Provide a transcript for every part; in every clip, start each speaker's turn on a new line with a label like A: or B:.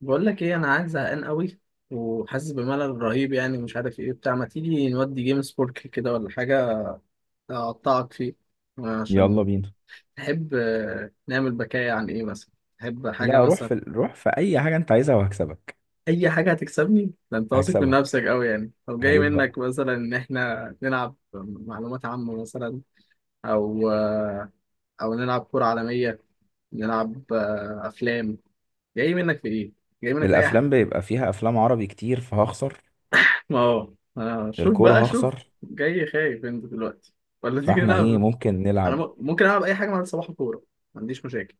A: بقول لك ايه انا عايز زهقان قوي وحاسس بملل رهيب، يعني مش عارف ايه بتاع. ما تيجي نودي جيم سبورك كده ولا حاجه اقطعك فيه؟
B: يلا
A: عشان
B: بينا.
A: تحب. نعمل بكاية عن ايه مثلا؟ تحب حاجه
B: لا، روح
A: مثلا؟
B: في روح في اي حاجه انت عايزها وهكسبك.
A: اي حاجه هتكسبني؟ ده انت واثق من
B: هكسبك.
A: نفسك قوي يعني؟ طب جاي
B: عيب بقى.
A: منك مثلا ان احنا نلعب معلومات عامه مثلا؟ او او نلعب كره عالميه، نلعب افلام. جاي منك في ايه؟ جاي منك في اي؟
B: الافلام بيبقى فيها افلام عربي كتير فهخسر.
A: ما هو شوف بقى
B: الكوره
A: شوف.
B: هخسر.
A: جاي خايف انت دلوقتي؟ ولا تيجي
B: فاحنا ايه
A: نلعب؟
B: ممكن
A: انا
B: نلعب؟
A: ممكن العب اي حاجه مع صباح الكوره، ما عنديش مشاكل.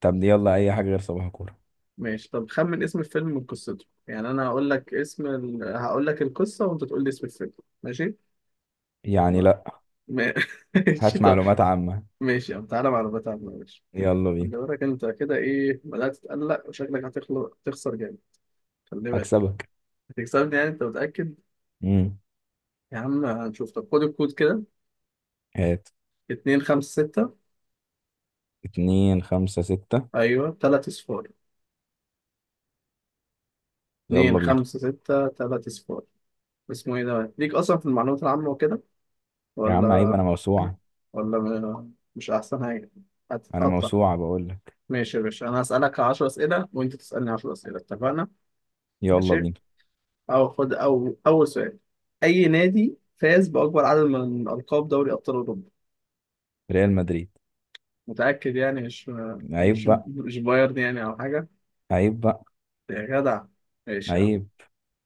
B: طب يلا اي حاجه غير صباح كوره.
A: ماشي. طب خمن اسم الفيلم من قصته، يعني انا هقول لك اسم هقول لك القصه وانت تقول لي اسم الفيلم. ماشي.
B: يعني
A: ما-
B: لا.
A: ما- ماشي
B: هات
A: طب.
B: معلومات عامه.
A: ماشي يا عم، تعالى معلومات عامه ماشي.
B: يلا بينا.
A: خلي بالك انت كده، ايه بدات تتقلق، وشكلك هتخلق تخسر جامد. خلي بالك.
B: هكسبك.
A: هتكسبني يعني؟ انت متاكد؟
B: امم.
A: يا عم هنشوف. طب خد الكود كده،
B: هات.
A: 2 5 6.
B: اتنين خمسة ستة.
A: ايوه 3 صفار. اتنين
B: يلا بينا.
A: خمسة ستة تلاتة صفار. اسمه ايه ده؟ ليك أصلا في المعلومات العامة وكده؟
B: يا عم عيب،
A: ولا؟
B: انا موسوعة.
A: ولا مش أحسن حاجة؟
B: انا
A: هتتقطع.
B: موسوعة بقول لك.
A: ماشي يا باشا، أنا هسألك 10 أسئلة وأنت تسألني 10 أسئلة، اتفقنا؟
B: يلا
A: ماشي؟
B: بينا.
A: أو خد أو أول سؤال، أي نادي فاز بأكبر عدد من ألقاب دوري أبطال أوروبا؟
B: ريال مدريد.
A: متأكد يعني؟ مش
B: عيب
A: مش
B: بقى.
A: مش بايرن يعني أو حاجة؟
B: عيب بقى.
A: يا جدع. ماشي يا عم.
B: عيب.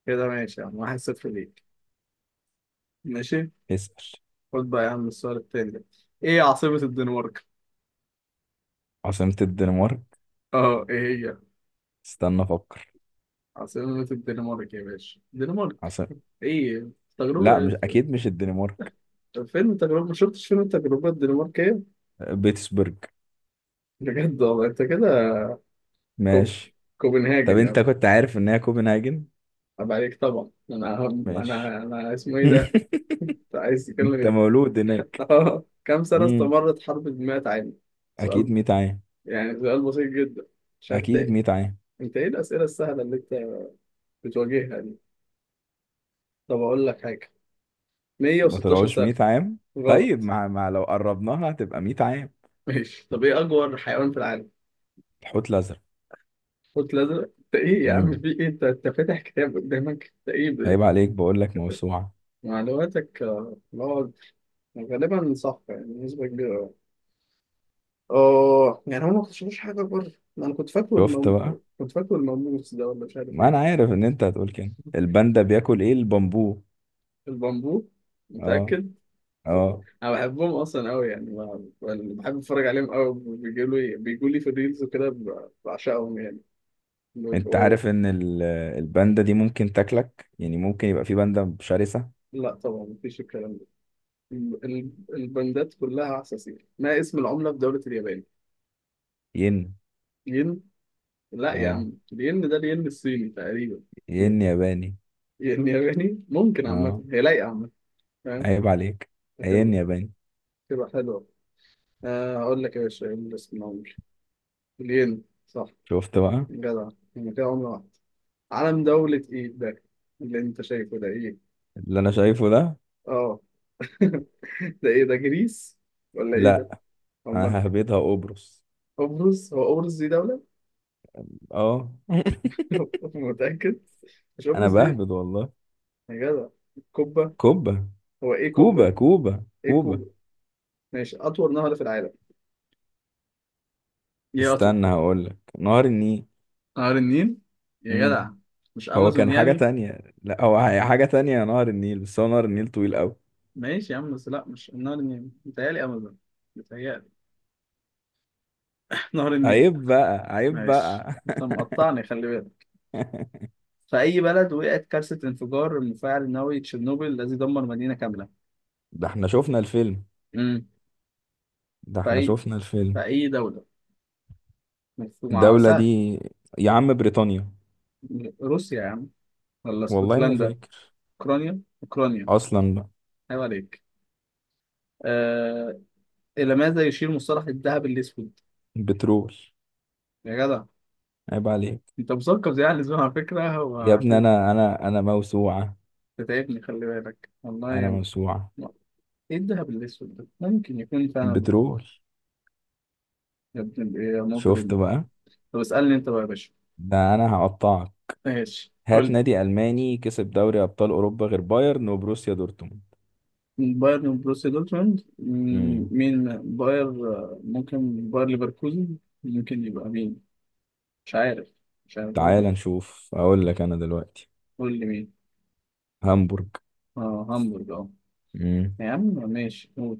A: كده ماشي يا عم، 1-0 ليك، ماشي؟
B: اسأل.
A: خد بقى يا عم السؤال التاني ده، إيه عاصمة الدنمارك؟
B: عاصمة الدنمارك.
A: اه ايه هي؟
B: استنى افكر.
A: عاصمة الدنمارك يا باشا، الدنمارك.
B: عسل.
A: ايه،
B: لا
A: تجربة؟
B: مش اكيد، مش الدنمارك.
A: فيلم تجربة؟ ما شفتش فيلم التجربة الدنماركية.
B: بيتسبرج.
A: بجد والله انت كده. كو...
B: ماشي. طب
A: كوبنهاجن يا
B: انت
A: عم.
B: كنت عارف ان هي كوبنهاجن؟
A: عيب عليك طبعا. انا
B: ماشي.
A: انا اسمه ايه ده. انت عايز تتكلم
B: انت
A: ايه.
B: مولود هناك؟
A: اه، كم سنة
B: امم.
A: استمرت حرب الـ100 عام؟ سؤال
B: اكيد 100 عام.
A: يعني، سؤال بسيط جدا. مش عارف
B: اكيد
A: إيه.
B: 100 عام.
A: انت ايه الأسئلة السهلة اللي انت بتواجهها دي؟ طب اقول لك حاجة،
B: ما
A: 116
B: طلعوش
A: سنة.
B: 100 عام. طيب
A: غلط.
B: مع لو قربناها هتبقى 100 عام.
A: ماشي. طب ايه اكبر حيوان في العالم؟
B: الحوت الازرق.
A: قلت لازم انت ايه يا عم،
B: امم.
A: في ايه؟ انت فاتح كتاب قدامك؟ انت ايه
B: عيب عليك، بقول لك موسوعه.
A: معلوماتك اللي هو غالبا صح يعني، بنسبة كبيرة أوي. اه يعني هم ما اكتشفوش حاجة بره، ما انا كنت فاكره
B: شفت بقى.
A: كنت فاكره الماموس ده ولا مش عارف
B: ما انا
A: ايه.
B: عارف ان انت هتقول كده. الباندا بياكل ايه؟ البامبو.
A: البامبو؟
B: اه.
A: متأكد؟
B: اه.
A: انا بحبهم اصلا قوي يعني، يعني بحب اتفرج عليهم قوي، بيجوا لي في الريلز وكده بعشقهم يعني.
B: انت
A: بيبقوا.
B: عارف ان الباندا دي ممكن تاكلك؟ يعني ممكن يبقى في باندا شرسة.
A: لا طبعا، مفيش الكلام ده. البندات كلها عساسية. ما اسم العملة في دولة اليابان؟
B: ين.
A: ين؟ لا يا
B: اه.
A: عم، الين ده الين الصيني تقريبا.
B: ين ياباني.
A: ين ياباني؟ ممكن، عامة
B: اه.
A: هي لايقة عامة. فاهم.
B: عيب عليك. ين
A: هتبقى.
B: ياباني.
A: هتبقى حلوة. أقول لك يا باشا إيه اللي اسمه، عمري الين صح.
B: شفت بقى.
A: جدع، هما كده عملة واحدة. علم دولة إيه ده اللي أنت شايفه ده إيه؟
B: اللي انا شايفه ده؟
A: آه ده إيه ده، جريس ولا إيه ده؟
B: لا، انا
A: أمال.
B: ههبدها قبرص.
A: قبرص؟ هو قبرص دي دولة؟
B: اه.
A: متأكد؟ مش
B: انا
A: قبرص دي.
B: بهبد والله.
A: يا جدع. كوبا؟
B: كوبا.
A: هو إيه كوبا
B: كوبا،
A: دي؟
B: كوبا،
A: إيه كوبا؟
B: كوبا.
A: ماشي. أطول نهر في العالم؟ يا،
B: استنى هقول لك. نهر النيل.
A: نهر النيل؟ يا
B: امم.
A: جدع، مش
B: هو
A: امازون
B: كان حاجة
A: يعني؟
B: تانية. لا، هو حاجة تانية. نهر النيل، بس هو نهر النيل طويل قوي.
A: ماشي يا عم، بس لا مش نهر النيل، متهيألي امازون، متهيألي. نهر النيل.
B: عيب بقى، عيب
A: ماشي
B: بقى.
A: انت مقطعني، خلي بالك. في اي بلد وقعت كارثة انفجار المفاعل النووي تشيرنوبل الذي دمر مدينة كاملة؟
B: ده احنا شفنا الفيلم.
A: امم.
B: ده
A: في
B: احنا
A: اي
B: شفنا الفيلم.
A: في اي دولة؟ مفهوم
B: الدولة
A: سهل.
B: دي؟ يا عم بريطانيا.
A: روسيا يا عم؟ ولا
B: والله ما
A: اسكتلندا؟
B: فاكر.
A: اوكرانيا اوكرانيا.
B: اصلا بقى.
A: عيب عليك. آه... الى ماذا يشير مصطلح الذهب الاسود؟
B: بترول.
A: يا جدع.
B: عيب عليك.
A: انت مثقف زي اهل الزمن على فكره.
B: يا ابني انا موسوعة.
A: تتعبني خلي بالك والله يا
B: انا
A: ابني.
B: موسوعة.
A: ايه الدهب الاسود ده، ممكن يكون فعلا بيربط.
B: بترول.
A: يا ابن ايه يا
B: شفت
A: مجرم.
B: بقى.
A: طب اسألني انت بقى يا باشا.
B: ده انا هقطعك.
A: ماشي قول
B: هات
A: لي.
B: نادي الماني كسب دوري ابطال اوروبا غير بايرن وبروسيا دورتموند.
A: بايرن بروسيا دورتموند،
B: امم.
A: مين باير، ممكن باير ليفركوزن. ممكن يبقى مين. مش عارف. مش عارف
B: تعال
A: برضه.
B: نشوف، اقول لك انا دلوقتي.
A: قول لي مين.
B: هامبورج.
A: اه هامبورج اه.
B: امم.
A: يا عم ماشي. قول.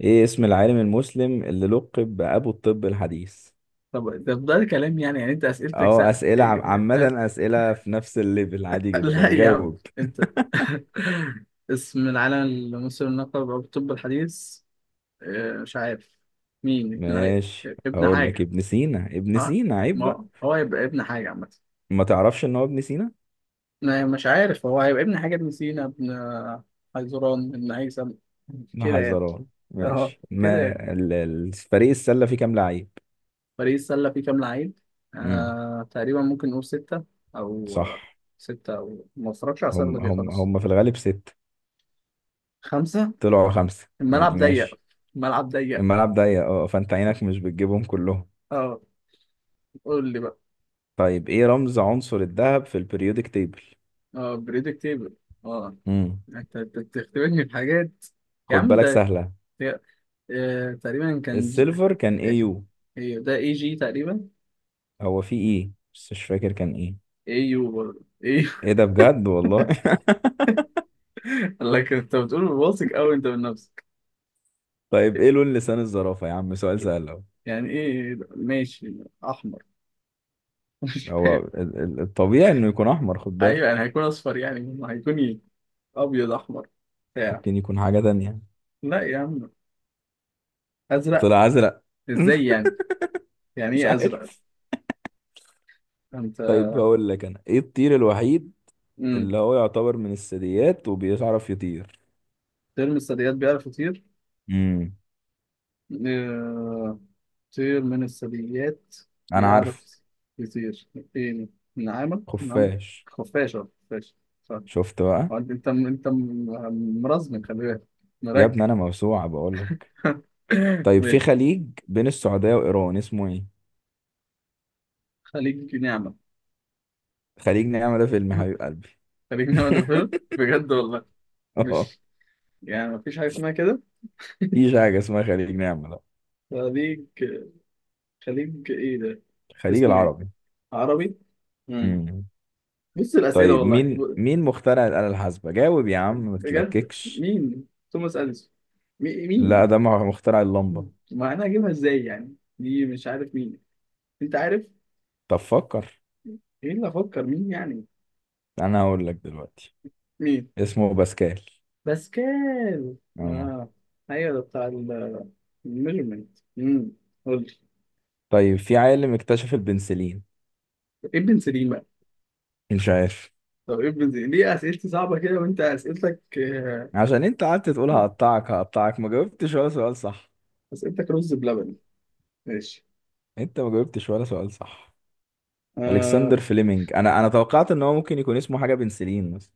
B: ايه اسم العالم المسلم اللي لقب بابو الطب الحديث؟
A: طب ده ده كلام يعني، يعني انت اسئلتك
B: اه، اسئله عامه، اسئله في نفس الليفل عادي
A: لا
B: جدا،
A: يا عم
B: جاوب.
A: انت اسم العالم المسلم لقب أبو الطب الحديث، مش عارف. مين
B: ماشي،
A: ابن
B: هقول لك.
A: حاجة.
B: ابن سينا، ابن
A: اه،
B: سينا. عيب بقى،
A: ما هو هيبقى ابن حاجة عامة.
B: ما تعرفش ان هو ابن سينا؟
A: لا، مش عارف. هو هيبقى ابن حاجة، ابن سينا، ابن حيزران، ابن هيثم. كده يعني.
B: نهزران
A: اه
B: ماشي.
A: كده
B: ما
A: يعني.
B: فريق السله فيه كام لعيب؟
A: باريس سلة فيه كام لعيب؟
B: امم.
A: آه تقريبا، ممكن نقول ستة. أو
B: صح.
A: ستة، أو ما اتفرجش على السلة
B: هم
A: دي
B: هم
A: خالص.
B: هم في الغالب ستة.
A: خمسة.
B: طلعوا خمسة
A: الملعب
B: يعني،
A: ضيق،
B: ماشي.
A: الملعب ضيق.
B: الملعب ضيق اه، فانت عينك مش بتجيبهم كلهم.
A: اه. قول لي بقى.
B: طيب ايه رمز عنصر الذهب في البريودك تيبل؟
A: اه، بريدكتيبل. اه.
B: امم.
A: انت بتختبرني بحاجات. يا
B: خد
A: عم
B: بالك
A: انت،
B: سهلة.
A: يا- تقريبا كان
B: السيلفر كان ايه؟
A: ايه؟
B: يو؟
A: إيه، ده اي جي تقريبا.
B: هو في ايه بس مش فاكر كان ايه.
A: اي يو برضه اي
B: ايه ده بجد والله
A: لكن انت بتقول واثق قوي انت من نفسك.
B: طيب ايه لون لسان الزرافة يا عم؟ سؤال سهل اهو.
A: يعني ايه ده؟ ماشي. احمر. مش
B: هو
A: فاهم.
B: الطبيعي انه يكون احمر، خد
A: ايوه يعني
B: بالك.
A: هيكون اصفر يعني، ما هيكون ايه، ابيض، احمر، بتاع.
B: ممكن يكون حاجة تانية.
A: لا يا عم. ازرق؟
B: طلع ازرق.
A: ازاي يعني؟ يعني
B: مش
A: ايه ازرق.
B: عارف.
A: انت.
B: طيب هقول لك انا، ايه الطير الوحيد
A: امم.
B: اللي هو يعتبر من الثدييات وبيعرف يطير؟
A: ترم الثدييات بيعرف يطير،
B: امم.
A: آه، كثير من الثدييات
B: انا عارف.
A: بيعرف يطير. ايه، نعامة؟ نعم،
B: خفاش.
A: خفاشة خفاشة. صح.
B: شفت بقى.
A: وانت- انت انت انت مرزم خلي بالك،
B: يا ابني
A: مركب.
B: انا موسوعة بقول لك. طيب في
A: ماشي.
B: خليج بين السعودية وايران اسمه ايه؟
A: خليك نعمة.
B: خليج نعمة؟ ده فيلم حبيب قلبي
A: خليك نعمة ده فيلم بجد والله.
B: اه.
A: مش، يعني مفيش حاجة اسمها كده.
B: مفيش حاجة اسمها خليج نعمة، لا.
A: خليك، خليك ايه ده.
B: الخليج
A: اسمه ايه.
B: العربي.
A: عربي. مم.
B: امم.
A: بص الأسئلة
B: طيب
A: والله.
B: مين مخترع الآلة الحاسبة؟ جاوب يا عم، ما
A: بجد،
B: تتلككش.
A: مين، توماس أديسون؟
B: لا،
A: مين،
B: ده مخترع اللمبة.
A: ما انا اجيبها ازاي يعني، دي مش عارف مين. انت عارف.
B: طب فكر.
A: ايه اللي افكر مين يعني.
B: انا هقول لك دلوقتي.
A: مين.
B: اسمه باسكال.
A: باسكال.
B: اه.
A: اه. ايوه، ده بتاع الميجرمنت. امم. قول لي.
B: طيب في عالم اكتشف البنسلين؟
A: ابن سليم بقى.
B: مش عارف.
A: طب ابن سليم، ليه اسئلتي صعبه كده وانت اسئلتك
B: عشان انت قعدت تقول هقطعك هقطعك، ما جاوبتش ولا سؤال صح.
A: اسئلتك رز بلبن. ماشي.
B: انت ما جاوبتش ولا سؤال صح.
A: اه.
B: الكسندر فليمنج. انا توقعت ان هو ممكن يكون اسمه حاجة بنسلين مثلا.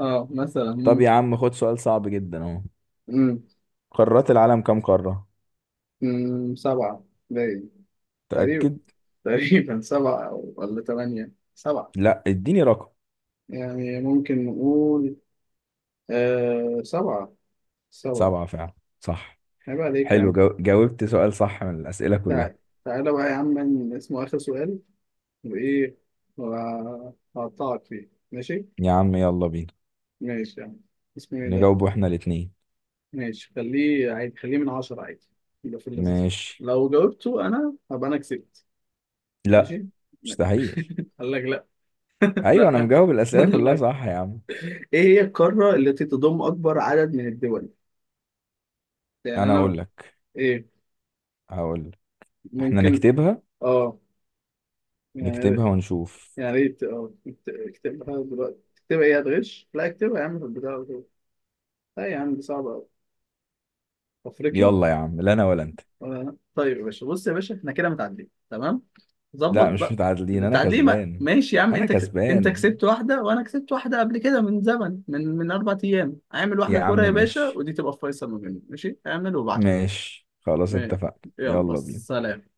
A: اه مثلا
B: طب يا
A: ممكن.
B: عم خد سؤال صعب جدا اهو.
A: امم.
B: قارات العالم كام قارة؟
A: سبعه باين. تقريبا.
B: تأكد.
A: تقريبا سبعه ولا ثمانيه، سبعه.
B: لا، اديني رقم.
A: يعني ممكن نقول سبعه. سبعة.
B: سبعة فعلا، صح.
A: عيب عليك يا
B: حلو،
A: عم.
B: جاوبت سؤال صح من الأسئلة كلها.
A: تعال. تعالى بقى يا عم من اسمه آخر سؤال، وإيه وهقطعك فيه، ماشي؟
B: يا عم يلا بينا.
A: ماشي يا عم. اسمه إيه ده؟
B: نجاوبه احنا الاتنين.
A: ماشي، خليه عادي، خليه من عشرة عادي، يبقى في اللذيذ.
B: ماشي.
A: لو جاوبته أنا هبقى أنا كسبت.
B: لا.
A: ماشي؟ ماشي.
B: مستحيل.
A: قال لك لأ.
B: ايوه، انا
A: لأ
B: مجاوب
A: أنا
B: الأسئلة كلها
A: لأ.
B: صح يا عم.
A: إيه هي القارة التي تضم أكبر عدد من الدول؟ يعني
B: انا
A: أنا.
B: اقول لك.
A: إيه.
B: هقول لك. احنا
A: ممكن.
B: نكتبها.
A: آه، يعني، يعني
B: نكتبها ونشوف.
A: يا ريت اه اكتبها دلوقتي. تكتبها ايه، هتغش؟ لا اكتبها يا عم في البتاع على طول. لا يا عم دي صعبة أوي. أفريقيا.
B: يلا يا عم. لا انا ولا انت.
A: ولا أنا؟ طيب يا باشا، بص يا باشا، احنا كده متعادلين تمام؟ ظبط
B: لا مش
A: بقى.
B: متعادلين، انا
A: التعادلين
B: كسبان.
A: ماشي يا عم،
B: انا
A: انت انت
B: كسبان
A: كسبت واحدة وأنا كسبت واحدة قبل كده من زمن، من 4 أيام. اعمل واحدة
B: يا عم.
A: كورة يا باشا،
B: ماشي.
A: ودي تبقى فيصل ما بيننا، ماشي؟ اعمل وابعت
B: ماشي خلاص،
A: لي.
B: اتفقنا.
A: يلا
B: يلا بينا.
A: سلام.